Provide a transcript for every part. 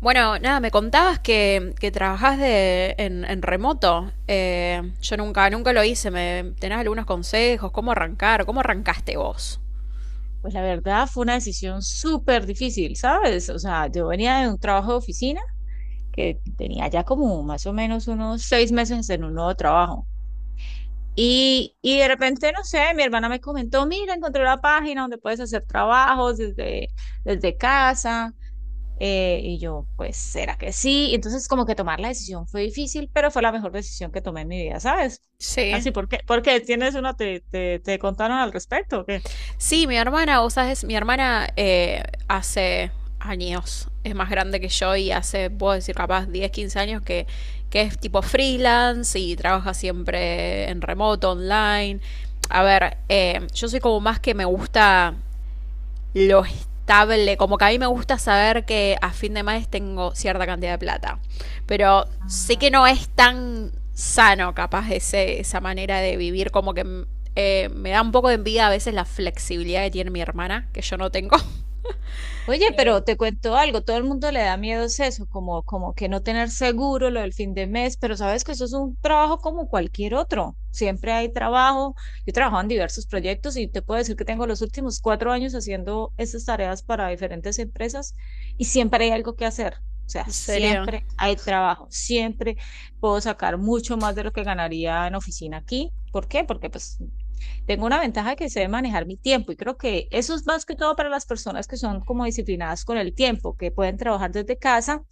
Bueno, nada, me contabas que trabajás en remoto. Yo nunca lo hice. Me, ¿tenés algunos consejos? ¿Cómo arrancar? ¿Cómo arrancaste vos? Pues la verdad fue una decisión súper difícil, ¿sabes? O sea, yo venía de un trabajo de oficina que tenía ya como más o menos unos 6 meses en un nuevo trabajo. Y de repente, no sé, mi hermana me comentó, mira, encontré la página donde puedes hacer trabajos desde casa. Y yo, pues, ¿será que sí? Y entonces como que tomar la decisión fue difícil, pero fue la mejor decisión que tomé en mi vida, ¿sabes? Sí. Así, ¿por qué? ¿Por qué? ¿Tienes una, te contaron al respecto o qué? Sí, mi hermana, vos sabés, mi hermana hace años, es más grande que yo, y hace, puedo decir, capaz 10, 15 años que es tipo freelance y trabaja siempre en remoto, online. A ver, yo soy como más que me gusta lo estable. Como que a mí me gusta saber que a fin de mes tengo cierta cantidad de plata. Pero sé Ah, que no es tan sano capaz ese, esa manera de vivir. Como que me da un poco de envidia a veces la flexibilidad que tiene mi hermana, que yo no tengo. oye, Eh, pero te cuento algo, todo el mundo le da miedo es eso, como que no tener seguro lo del fin de mes, pero sabes que eso es un trabajo como cualquier otro. Siempre hay trabajo. Yo he trabajado en diversos proyectos y te puedo decir que tengo los últimos 4 años haciendo estas tareas para diferentes empresas y siempre hay algo que hacer. O sea, en serio. siempre hay trabajo, siempre puedo sacar mucho más de lo que ganaría en oficina aquí. ¿Por qué? Porque pues tengo una ventaja que sé manejar mi tiempo y creo que eso es más que todo para las personas que son como disciplinadas con el tiempo, que pueden trabajar desde casa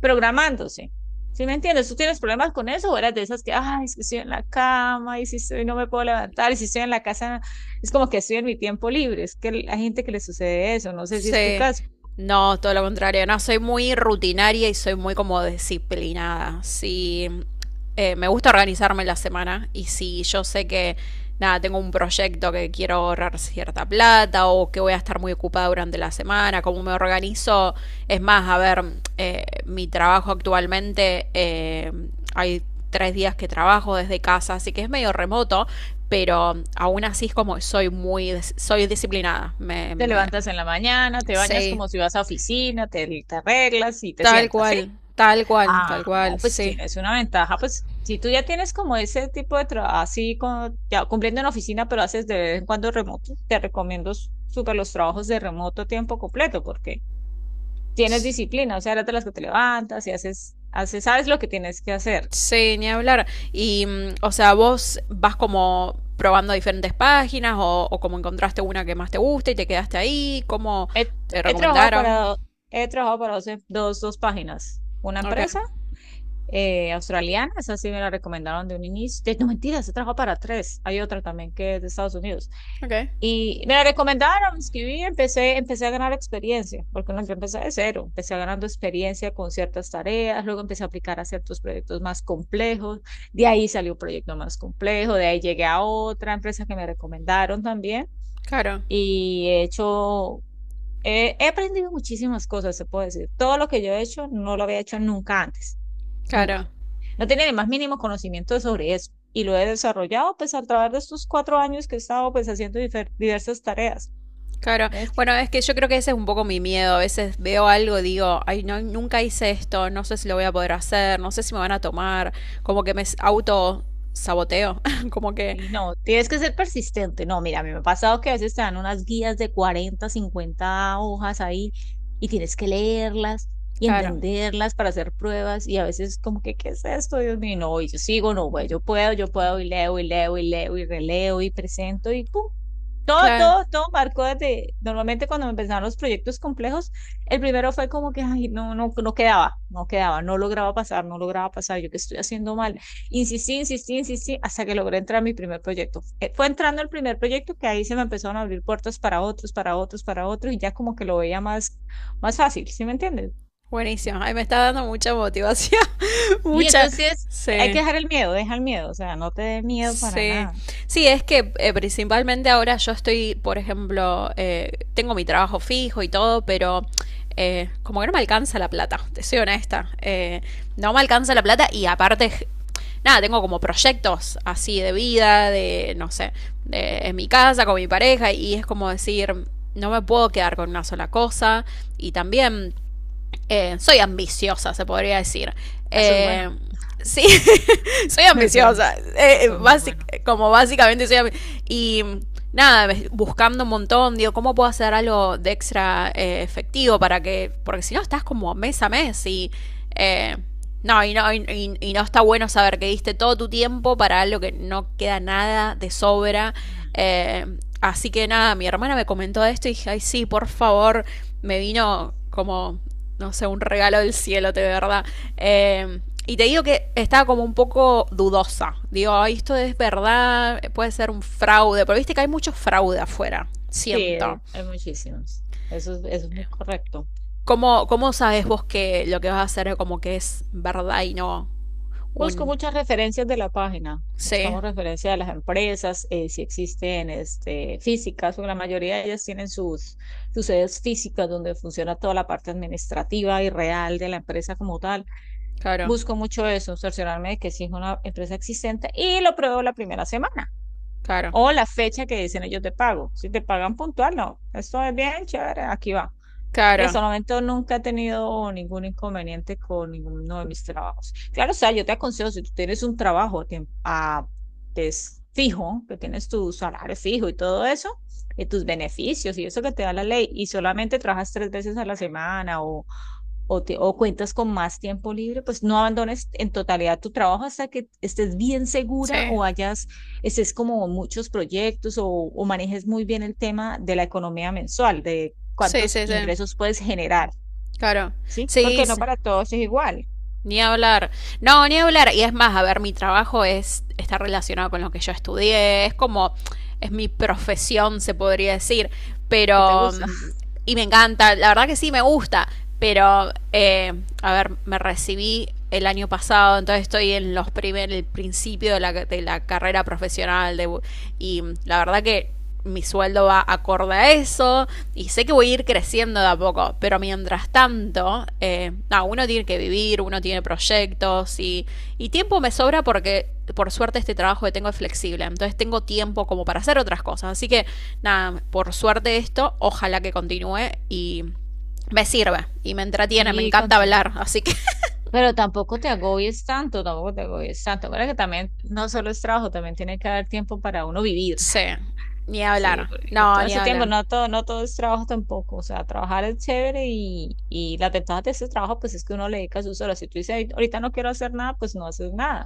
programándose. ¿Sí me entiendes? ¿Tú tienes problemas con eso o eras de esas que, ay, es que estoy en la cama y si estoy no me puedo levantar y si estoy en la casa es como que estoy en mi tiempo libre? Es que hay gente que le sucede eso, no sé si es tu Sí. caso. No, todo lo contrario. No, soy muy rutinaria y soy muy como disciplinada. Sí, me gusta organizarme la semana y si yo sé que, nada, tengo un proyecto que quiero ahorrar cierta plata o que voy a estar muy ocupada durante la semana, cómo me organizo, es más, a ver, mi trabajo actualmente, hay tres días que trabajo desde casa, así que es medio remoto, pero aún así es como que soy muy, soy disciplinada. Me, Te me, levantas en la mañana, te bañas sí, como si vas a oficina, te arreglas y te tal sientas, ¿sí? cual, tal cual, Ah, tal no, cual, pues sí. tienes una ventaja, pues si tú ya tienes como ese tipo de trabajo, así como ya cumpliendo en oficina, pero haces de vez en cuando remoto, te recomiendo súper los trabajos de remoto a tiempo completo, porque tienes disciplina, o sea, eres de las que te levantas y haces, sabes lo que tienes que hacer. Sí, ni hablar. Y, o sea, vos vas como probando diferentes páginas o como encontraste una que más te gusta y te quedaste ahí, como He, te he trabajado recomendaron. para, he trabajado para dos páginas, una Ok, empresa australiana, esa sí me la recomendaron de un inicio, no mentiras, he trabajado para tres, hay otra también que es de Estados Unidos. ok, Y me la recomendaron, me inscribí empecé a ganar experiencia, porque no, yo empecé de cero, empecé ganando experiencia con ciertas tareas, luego empecé a aplicar a ciertos proyectos más complejos, de ahí salió un proyecto más complejo, de ahí llegué a otra empresa que me recomendaron también claro, y he hecho, he aprendido muchísimas cosas, se puede decir. Todo lo que yo he hecho no lo había hecho nunca antes, claro, nunca. No tenía ni más mínimo conocimiento sobre eso y lo he desarrollado pues a través de estos 4 años que he estado pues haciendo diversas tareas. claro. ¿Ves? Bueno, es que yo creo que ese es un poco mi miedo. A veces veo algo, digo, ay, no, nunca hice esto, no sé si lo voy a poder hacer, no sé si me van a tomar, como que me auto saboteo, como que, Y no, tienes que ser persistente. No, mira, a mí me ha pasado que a veces te dan unas guías de 40 50 hojas ahí y tienes que leerlas y claro, entenderlas para hacer pruebas y a veces como que, ¿qué es esto? Dios mío, y no, y yo sigo, no, güey, yo puedo y leo y leo y leo y releo y presento y pum, todo, claro. todo, todo marcó desde, normalmente cuando me empezaron los proyectos complejos, el primero fue como que, ay, no, no, no quedaba, no quedaba, no lograba pasar, no lograba pasar, yo qué estoy haciendo mal. Insistí, insistí, insistí, hasta que logré entrar a mi primer proyecto. Fue entrando el primer proyecto que ahí se me empezaron a abrir puertas para otros, para otros, para otros, y ya como que lo veía más, más fácil, ¿sí me entiendes? Buenísimo. Ay, me está dando mucha motivación. Y Mucha. entonces hay que Sí. dejar el miedo, deja el miedo, o sea, no te dé miedo para Sí. nada. Sí, es que principalmente ahora yo estoy, por ejemplo, tengo mi trabajo fijo y todo, pero como que no me alcanza la plata, te soy honesta. No me alcanza la plata y aparte, nada, tengo como proyectos así de vida, de, no sé, en mi casa, con mi pareja, y es como decir, no me puedo quedar con una sola cosa. Y también soy ambiciosa, se podría decir. Eso es bueno, Eh, sí, soy eso era ambiciosa. mis- eso es muy bueno. Como básicamente soy ambi- Y nada, buscando un montón, digo, ¿cómo puedo hacer algo de extra efectivo para que. Porque si no, estás como mes a mes y. eh, no, y no, y no está bueno saber que diste todo tu tiempo para algo que no queda nada de sobra. Eh, Así que nada, mi hermana me comentó esto y dije, ay, sí, por favor, me vino como no sé, un regalo del cielo, de verdad. Eh, y te digo que estaba como un poco dudosa. Digo, ay, esto es verdad, puede ser un fraude, pero viste que hay mucho fraude afuera, Sí, hay, siento. hay muchísimos. Eso es muy correcto. ¿Cómo, cómo sabes vos que lo que vas a hacer es como que es verdad y no Busco un... muchas referencias de la página. Sí, Buscamos referencias de las empresas, si existen este, físicas, porque la mayoría de ellas tienen sus, sus sedes físicas donde funciona toda la parte administrativa y real de la empresa como tal. claro, Busco mucho eso, cerciorarme de que sí es una empresa existente y lo pruebo la primera semana claro, o la fecha que dicen ellos de pago. Si te pagan puntual, no. Esto es bien chévere, aquí va. Y claro. hasta el momento nunca he tenido ningún inconveniente con ninguno de mis trabajos. Claro, o sea, yo te aconsejo, si tú tienes un trabajo que es fijo, que tienes tu salario fijo y todo eso, y tus beneficios y eso que te da la ley, y solamente trabajas tres veces a la semana o o cuentas con más tiempo libre, pues no abandones en totalidad tu trabajo hasta que estés bien Sí, segura o hayas, estés como muchos proyectos o manejes muy bien el tema de la economía mensual, de sí, cuántos sí, sí. ingresos puedes generar, Claro. ¿sí? Sí, Porque no sí. para todos es igual. Ni hablar. No, ni hablar. Y es más, a ver, mi trabajo es, está relacionado con lo que yo estudié. Es como, es mi profesión, se podría decir. ¿Qué te Pero, gusta? Y me encanta. La verdad que sí, me gusta. Pero, a ver, me recibí el año pasado, entonces estoy en los primer, el principio de la carrera profesional. De, y la verdad que mi sueldo va acorde a eso. Y sé que voy a ir creciendo de a poco, pero mientras tanto, no, uno tiene que vivir, uno tiene proyectos y tiempo me sobra porque por suerte este trabajo que tengo es flexible, entonces tengo tiempo como para hacer otras cosas, así que nada, por suerte esto, ojalá que continúe y me sirve y me entretiene, me Sí, encanta continúa. hablar, así que Pero tampoco te agobies tanto, tampoco te agobies tanto. Ahora que también no solo es trabajo, también tiene que haber tiempo para uno vivir. sí, ni Sí, hablar, y no, todo en ni su tiempo, hablar, no todo, no todo es trabajo tampoco. O sea, trabajar es chévere y la ventajas de ese trabajo, pues es que uno le dedica sus horas. Si tú dices, "Ay, ahorita no quiero hacer nada", pues no haces nada.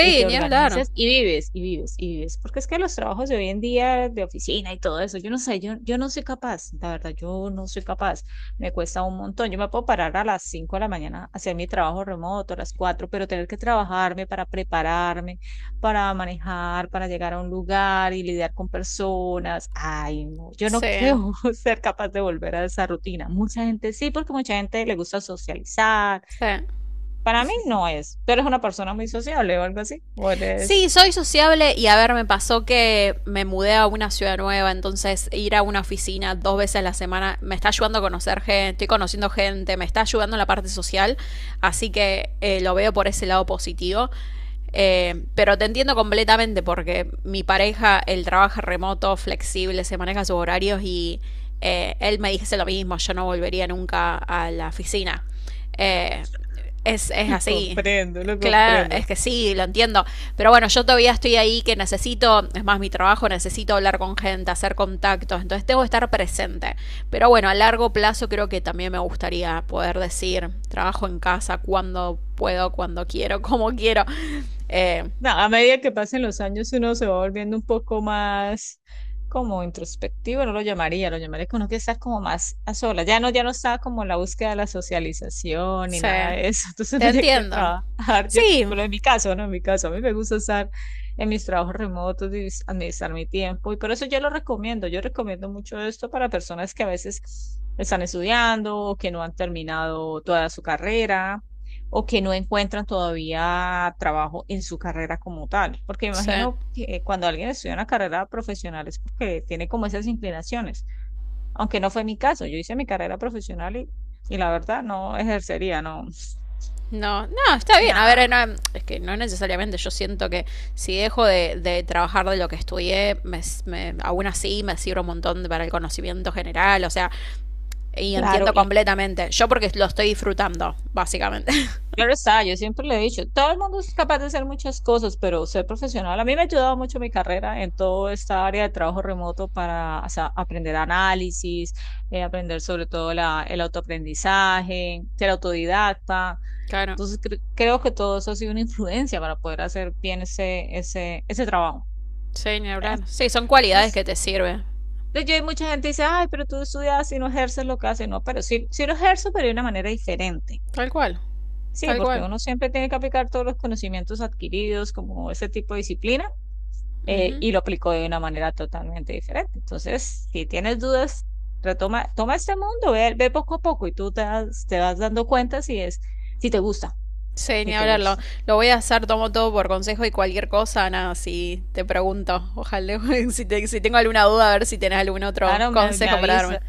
Y te ni hablar, organizas y vives, y vives, y vives. Porque es que los trabajos de hoy en día, de oficina y todo eso, yo no sé, yo no soy capaz, la verdad, yo no soy capaz. Me cuesta un montón. Yo me puedo parar a las 5 de la mañana, hacer mi trabajo remoto, a las 4 pero tener que trabajarme para prepararme para manejar, para llegar a un lugar y lidiar con personas. Ay, no, yo no sí, creo ser capaz de volver a esa rutina. Mucha gente sí, porque mucha gente le gusta socializar. sí. Para mí no es. Tú eres una persona muy sociable o algo así. O eres... Sí, soy sociable y a ver, me pasó que me mudé a una ciudad nueva, entonces ir a una oficina dos veces a la semana me está ayudando a conocer gente, estoy conociendo gente, me está ayudando en la parte social, así que lo veo por ese lado positivo. Pero te entiendo completamente porque mi pareja, él trabaja remoto, flexible, se maneja sus horarios y él me dice lo mismo, yo no volvería nunca a la oficina. Eh, es Lo así. comprendo, lo Claro, comprendo. es que sí, lo entiendo. Pero bueno, yo todavía estoy ahí que necesito, es más mi trabajo, necesito hablar con gente, hacer contactos, entonces tengo que estar presente. Pero bueno, a largo plazo creo que también me gustaría poder decir, trabajo en casa cuando puedo, cuando quiero, como quiero. Eh, No, a medida que pasen los años uno se va volviendo un poco más como introspectivo, no lo llamaría, lo llamaría que uno que está como más a solas. Ya no, ya no está como en la búsqueda de la socialización ni sí, nada de eso. Entonces te uno ya quiere entiendo. trabajar. Yo, Sí, bueno, en mi caso, ¿no? En mi caso, a mí me gusta estar en mis trabajos remotos y administrar mi tiempo. Y por eso yo lo recomiendo. Yo recomiendo mucho esto para personas que a veces están estudiando o que no han terminado toda su carrera o que no encuentran todavía trabajo en su carrera como tal. Porque me sí. imagino que cuando alguien estudia una carrera profesional es porque tiene como esas inclinaciones, aunque no fue mi caso, yo hice mi carrera profesional y la verdad no ejercería, no, No, no, está bien. A nada, ver, no, es que no necesariamente yo siento que si dejo de trabajar de lo que estudié, me- aún así me sirve un montón para el conocimiento general, o sea, y claro, entiendo la- completamente. Yo porque lo estoy disfrutando, básicamente. claro está, yo siempre le he dicho, todo el mundo es capaz de hacer muchas cosas, pero ser profesional, a mí me ha ayudado mucho mi carrera en toda esta área de trabajo remoto para o sea, aprender análisis, aprender sobre todo la, el autoaprendizaje, ser autodidacta. Claro, Entonces creo que todo eso ha sido una influencia para poder hacer bien ese, ese, ese trabajo. sí, ni hablar. Sí, son cualidades Entonces, que te sirven. Hay mucha gente que dice, ay, pero tú estudias y no ejerces lo que haces. No, pero sí, sí lo ejerzo, pero de una manera diferente. Tal cual, Sí, tal porque cual. uno siempre tiene que aplicar todos los conocimientos adquiridos como ese tipo de disciplina Ujú. y lo aplicó de una manera totalmente diferente. Entonces, si tienes dudas, retoma, toma este mundo, ve, ve poco a poco y te vas dando cuenta si es, si te gusta, Sí, si ni te hablarlo. gusta. Lo voy a hacer, tomo todo por consejo y cualquier cosa, nada, si te pregunto. Ojalá, si, te- si tengo alguna duda, a ver si tenés algún otro Claro, consejo para darme.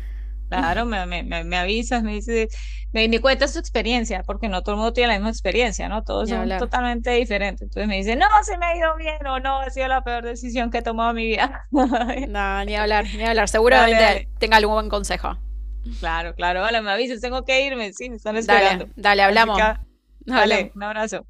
claro, me avisas, me dices, me cuentas tu experiencia, porque no todo el mundo tiene la misma experiencia, ¿no? Todos Ni son hablar. totalmente diferentes. Entonces me dice, no, se me ha ido bien o no, ha sido la peor decisión que he tomado en mi vida. No, ni hablar, ni hablar. Dale, Seguramente dale. tenga algún buen consejo. Claro, claro. Hola, me avisas, tengo que irme. Sí, me están Dale, esperando. dale, Así que, hablamos. ah, Hablamos. dale, un abrazo.